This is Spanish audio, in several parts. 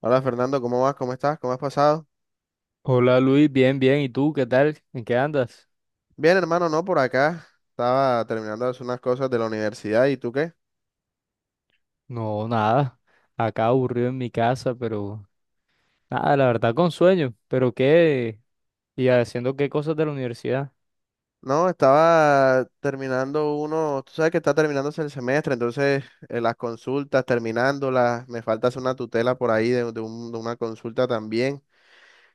Hola Fernando, ¿cómo vas? ¿Cómo estás? ¿Cómo has pasado? Hola Luis, bien, bien. ¿Y tú qué tal? ¿En qué andas? Bien, hermano, no, por acá. Estaba terminando de hacer unas cosas de la universidad. ¿Y tú qué? No, nada. Acá aburrido en mi casa, pero nada, la verdad con sueño. ¿Pero qué? ¿Y haciendo qué cosas de la universidad? No, estaba terminando uno, tú sabes que está terminándose el semestre, entonces las consultas, terminándolas, me falta hacer una tutela por ahí de una consulta también.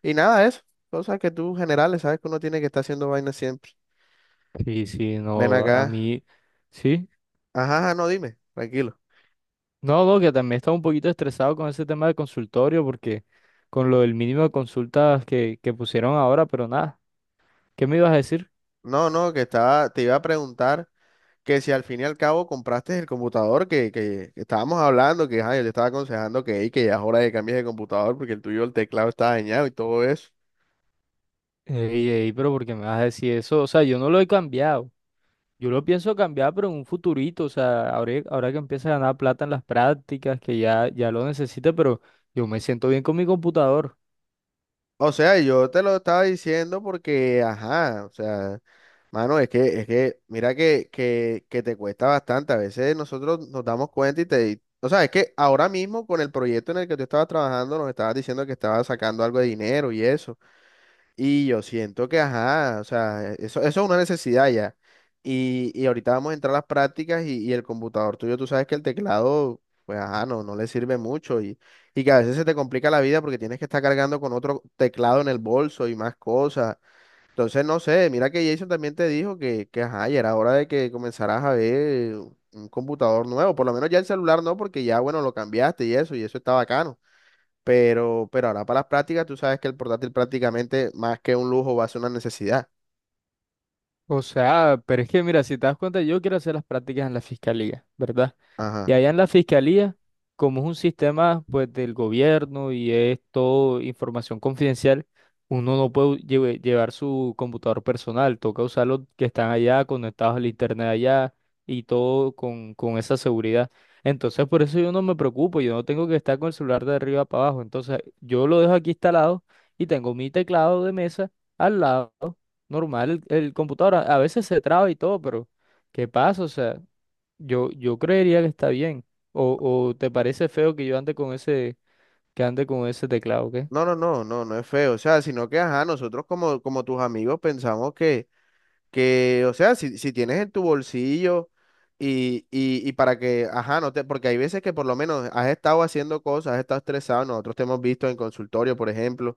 Y nada, eso, cosas que tú generales, sabes que uno tiene que estar haciendo vainas siempre. Sí, sí, Ven no, a acá. mí, sí. Ajá, ajá, no, dime, tranquilo. No, no, que también estaba un poquito estresado con ese tema del consultorio, porque con lo del mínimo de consultas que pusieron ahora, pero nada. ¿Qué me ibas a decir? No, no, que estaba, te iba a preguntar que si al fin y al cabo compraste el computador que estábamos hablando, que ajá, yo te estaba aconsejando que, "Ey, que ya es hora de cambiar de computador porque el tuyo, el teclado está dañado y todo eso". Ey, ey, pero ¿por qué me vas a decir eso? O sea, yo no lo he cambiado. Yo lo pienso cambiar, pero en un futurito, o sea, ahora que empiece a ganar plata en las prácticas, que ya, ya lo necesite, pero yo me siento bien con mi computador. O sea, yo te lo estaba diciendo porque, ajá, o sea, mano, es que, mira que te cuesta bastante. A veces nosotros nos damos cuenta y o sea, es que ahora mismo con el proyecto en el que tú estabas trabajando nos estabas diciendo que estabas sacando algo de dinero y eso. Y yo siento que, ajá, o sea, eso es una necesidad ya. Y ahorita vamos a entrar a las prácticas y el computador tuyo, tú sabes que el teclado, pues, ajá, no le sirve mucho, y que a veces se te complica la vida porque tienes que estar cargando con otro teclado en el bolso y más cosas. Entonces, no sé, mira que Jason también te dijo que, ajá, ya era hora de que comenzaras a ver un computador nuevo. Por lo menos ya el celular no, porque ya, bueno, lo cambiaste y eso está bacano. Pero ahora para las prácticas, tú sabes que el portátil prácticamente más que un lujo va a ser una necesidad. O sea, pero es que mira, si te das cuenta, yo quiero hacer las prácticas en la fiscalía, ¿verdad? Y Ajá. allá en la fiscalía, como es un sistema pues del gobierno y es todo información confidencial, uno no puede llevar su computador personal, toca usar los que están allá, conectados al internet allá y todo con esa seguridad. Entonces por eso yo no me preocupo, yo no tengo que estar con el celular de arriba para abajo. Entonces yo lo dejo aquí instalado y tengo mi teclado de mesa al lado, normal, el computador a veces se traba y todo, pero ¿qué pasa? O sea. Yo creería que está bien. O, o te parece feo que yo ande con ese, que ande con ese teclado, ¿qué? No, no, no, no, no es feo. O sea, sino que, ajá, nosotros como tus amigos pensamos que, o sea, si tienes en tu bolsillo, y para que, ajá, no te, porque hay veces que por lo menos has estado haciendo cosas, has estado estresado, nosotros te hemos visto en consultorio, por ejemplo,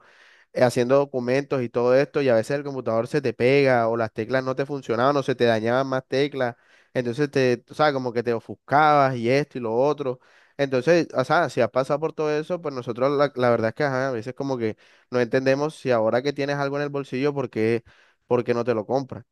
haciendo documentos y todo esto, y a veces el computador se te pega o las teclas no te funcionaban o se te dañaban más teclas, entonces tú sabes, como que te ofuscabas y esto y lo otro. Entonces, o sea, si has pasado por todo eso, pues nosotros la verdad es que ajá, a veces como que no entendemos si ahora que tienes algo en el bolsillo, ¿por qué no te lo compras?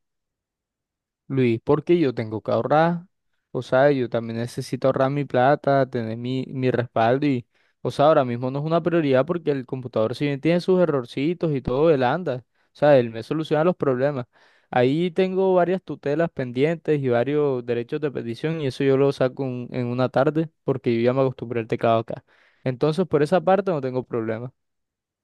Luis, porque yo tengo que ahorrar. O sea, yo también necesito ahorrar mi plata, tener mi respaldo y, o sea, ahora mismo no es una prioridad porque el computador si bien tiene sus errorcitos y todo, él anda. O sea, él me soluciona los problemas. Ahí tengo varias tutelas pendientes y varios derechos de petición y eso yo lo saco en una tarde porque yo ya me acostumbré al teclado acá. Entonces, por esa parte no tengo problema.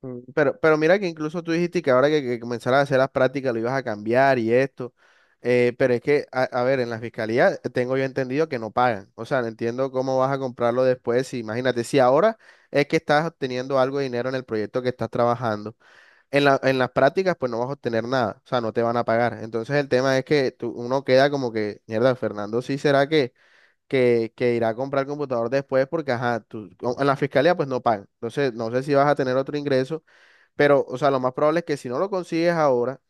Pero mira que incluso tú dijiste que ahora que comenzaras a hacer las prácticas lo ibas a cambiar y esto. Pero es que, a ver, en la fiscalía tengo yo entendido que no pagan. O sea, no entiendo cómo vas a comprarlo después. Si, imagínate, si ahora es que estás obteniendo algo de dinero en el proyecto que estás trabajando, en las prácticas pues no vas a obtener nada. O sea, no te van a pagar. Entonces el tema es que uno queda como que, mierda, Fernando, sí será que irá a comprar computador después porque, ajá, tú, en la fiscalía pues no pagan. Entonces, no sé si vas a tener otro ingreso, pero, o sea, lo más probable es que si no lo consigues ahora,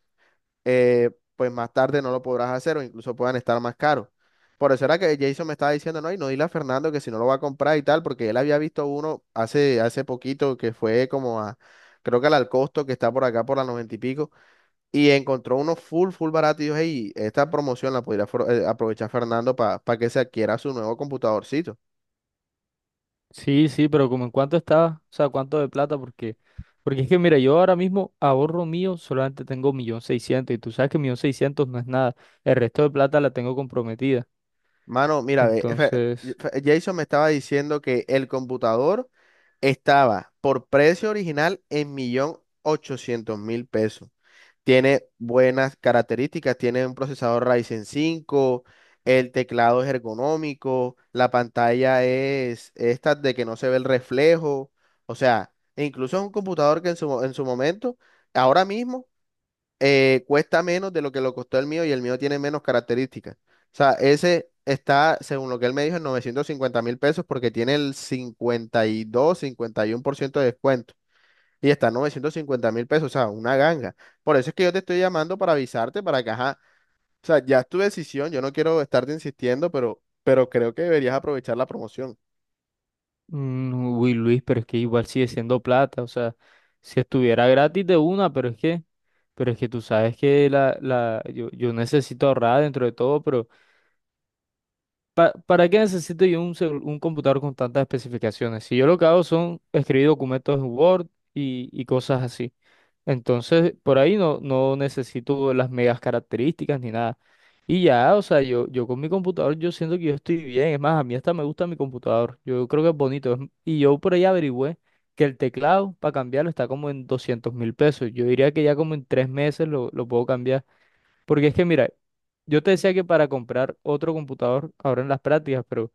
eh, pues más tarde no lo podrás hacer o incluso puedan estar más caros. Por eso era que Jason me estaba diciendo, no, y no dile a Fernando que si no lo va a comprar y tal, porque él había visto uno hace poquito que fue como creo que al Alcosto, que está por acá por la noventa y pico, y encontró uno full, full barato y dijo, hey, esta promoción la podría aprovechar Fernando para que se adquiera su nuevo computadorcito. Sí, sí, pero como en cuánto estaba, o sea, cuánto de plata, porque, porque es que mira, yo ahora mismo ahorro mío, solamente tengo 1.600.000, y tú sabes que 1.600.000 no es nada, el resto de plata la tengo comprometida, Mano, mira, ve, entonces, Jason me estaba diciendo que el computador estaba por precio original en $1.800.000. Tiene buenas características, tiene un procesador Ryzen 5, el teclado es ergonómico, la pantalla es esta de que no se ve el reflejo, o sea, e incluso es un computador que en su momento, ahora mismo, cuesta menos de lo que lo costó el mío y el mío tiene menos características. O sea, ese está, según lo que él me dijo, en $950.000 porque tiene el cincuenta cincuenta y dos 51% de descuento. Y está en $950.000, o sea, una ganga. Por eso es que yo te estoy llamando para avisarte, para que, ajá, o sea, ya es tu decisión, yo no quiero estarte insistiendo, pero, creo que deberías aprovechar la promoción. Uy, Luis, pero es que igual sigue siendo plata, o sea, si estuviera gratis de una, pero es que tú sabes que la, yo necesito ahorrar dentro de todo. ¿Para qué necesito yo un computador con tantas especificaciones? Si yo lo que hago son escribir documentos en Word y cosas así. Entonces, por ahí no necesito las megas características ni nada. Y ya, o sea, yo con mi computador yo siento que yo estoy bien. Es más, a mí hasta me gusta mi computador. Yo creo que es bonito. Es- Y yo por ahí averigüé que el teclado para cambiarlo está como en 200.000 pesos. Yo diría que ya como en 3 meses lo puedo cambiar. Porque es que mira, yo te decía que para comprar otro computador ahora en las prácticas, pero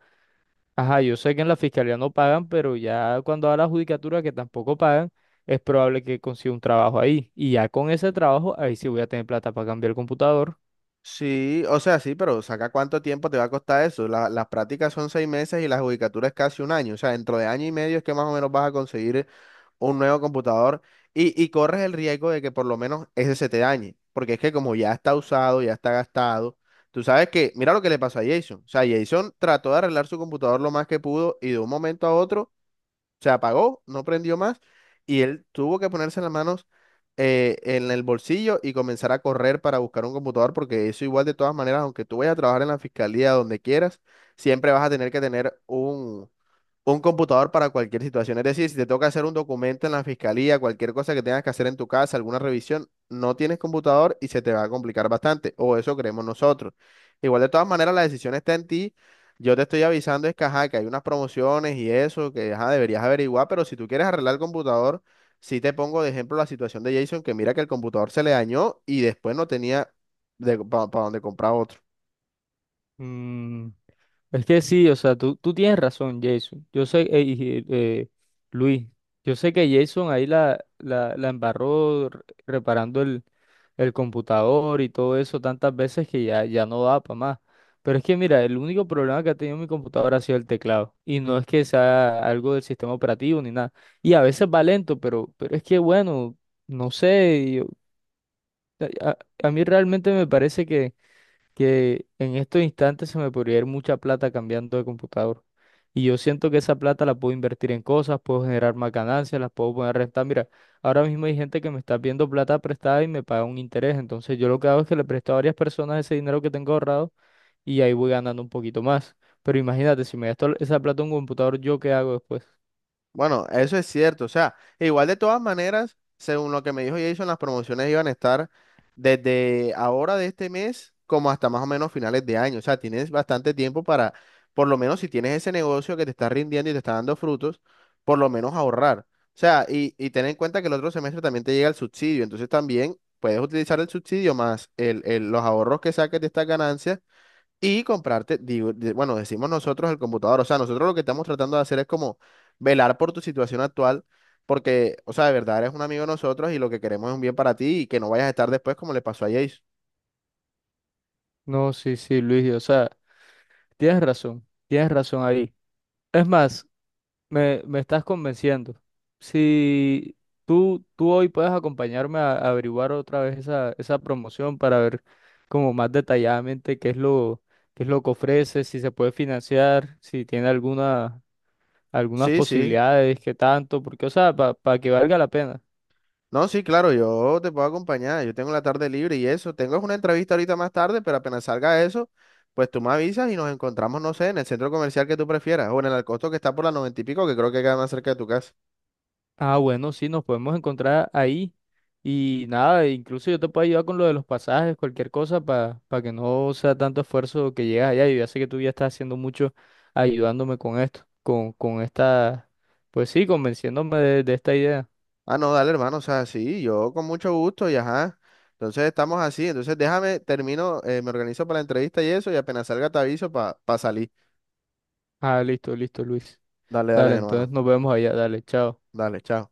ajá, yo sé que en la fiscalía no pagan, pero ya cuando va la judicatura que tampoco pagan, es probable que consiga un trabajo ahí. Y ya con ese trabajo, ahí sí voy a tener plata para cambiar el computador. Sí, o sea, sí, pero saca cuánto tiempo te va a costar eso. Las prácticas son 6 meses y la judicatura es casi un año. O sea, dentro de año y medio es que más o menos vas a conseguir un nuevo computador, y corres el riesgo de que por lo menos ese se te dañe. Porque es que como ya está usado, ya está gastado, tú sabes que, mira lo que le pasó a Jason. O sea, Jason trató de arreglar su computador lo más que pudo y de un momento a otro se apagó, no prendió más y él tuvo que ponerse las manos, en el bolsillo y comenzar a correr para buscar un computador, porque eso igual de todas maneras, aunque tú vayas a trabajar en la fiscalía donde quieras, siempre vas a tener que tener un computador para cualquier situación. Es decir, si te toca hacer un documento en la fiscalía, cualquier cosa que tengas que hacer en tu casa, alguna revisión, no tienes computador y se te va a complicar bastante. O eso creemos nosotros. Igual de todas maneras, la decisión está en ti. Yo te estoy avisando es que, ajá, que hay unas promociones y eso, que ajá, deberías averiguar, pero si tú quieres arreglar el computador, sí te pongo de ejemplo la situación de Jason, que mira que el computador se le dañó y después no tenía para donde comprar otro. Mm. Es que sí, o sea, tú tienes razón, Jason. Yo sé, y, Luis, yo sé que Jason ahí la embarró reparando el computador y todo eso tantas veces que ya, ya no da para más. Pero es que mira, el único problema que ha tenido mi computadora ha sido el teclado. Y no es que sea algo del sistema operativo ni nada. Y a veces va lento, pero es que bueno, no sé, a, a a mí realmente me parece que en estos instantes se me podría ir mucha plata cambiando de computador. Y yo siento que esa plata la puedo invertir en cosas, puedo generar más ganancias, las puedo poner a rentar. Mira, ahora mismo hay gente que me está viendo plata prestada y me paga un interés. Entonces yo lo que hago es que le presto a varias personas ese dinero que tengo ahorrado y ahí voy ganando un poquito más. Pero imagínate, si me gasto esa plata en un computador, ¿yo qué hago después? Bueno, eso es cierto. O sea, igual de todas maneras, según lo que me dijo Jason, las promociones iban a estar desde ahora de este mes como hasta más o menos finales de año. O sea, tienes bastante tiempo para, por lo menos si tienes ese negocio que te está rindiendo y te está dando frutos, por lo menos ahorrar. O sea, y ten en cuenta que el otro semestre también te llega el subsidio. Entonces también puedes utilizar el subsidio más los ahorros que saques de estas ganancias y comprarte, digo, bueno, decimos nosotros el computador, o sea, nosotros lo que estamos tratando de hacer es como velar por tu situación actual, porque, o sea, de verdad eres un amigo de nosotros y lo que queremos es un bien para ti y que no vayas a estar después como le pasó a Jace. No, sí, sí, Luis, o sea, tienes razón ahí. Es más, me estás convenciendo. Si tú hoy puedes acompañarme a averiguar otra vez esa promoción para ver como más detalladamente qué es lo que ofrece, si se puede financiar, si tiene alguna, algunas Sí, sí. posibilidades, qué tanto, porque, o sea, para que valga la pena. No, sí, claro, yo te puedo acompañar, yo tengo la tarde libre y eso, tengo una entrevista ahorita más tarde, pero apenas salga eso, pues tú me avisas y nos encontramos, no sé, en el centro comercial que tú prefieras o en el Alcosto que está por la noventa y pico, que creo que queda más cerca de tu casa. Ah, bueno, sí, nos podemos encontrar ahí. Y nada, incluso yo te puedo ayudar con lo de los pasajes, cualquier cosa, para que no sea tanto esfuerzo que llegas allá. Yo ya sé que tú ya estás haciendo mucho ayudándome con esto, con esta, pues sí, convenciéndome de esta idea. Ah, no, dale, hermano, o sea, sí, yo con mucho gusto y ajá. Entonces estamos así, entonces déjame, termino, me organizo para la entrevista y eso, y apenas salga te aviso para salir. Ah, listo, listo, Luis. Dale, dale, Dale, mi entonces hermano. nos vemos allá, dale, chao. Dale, chao.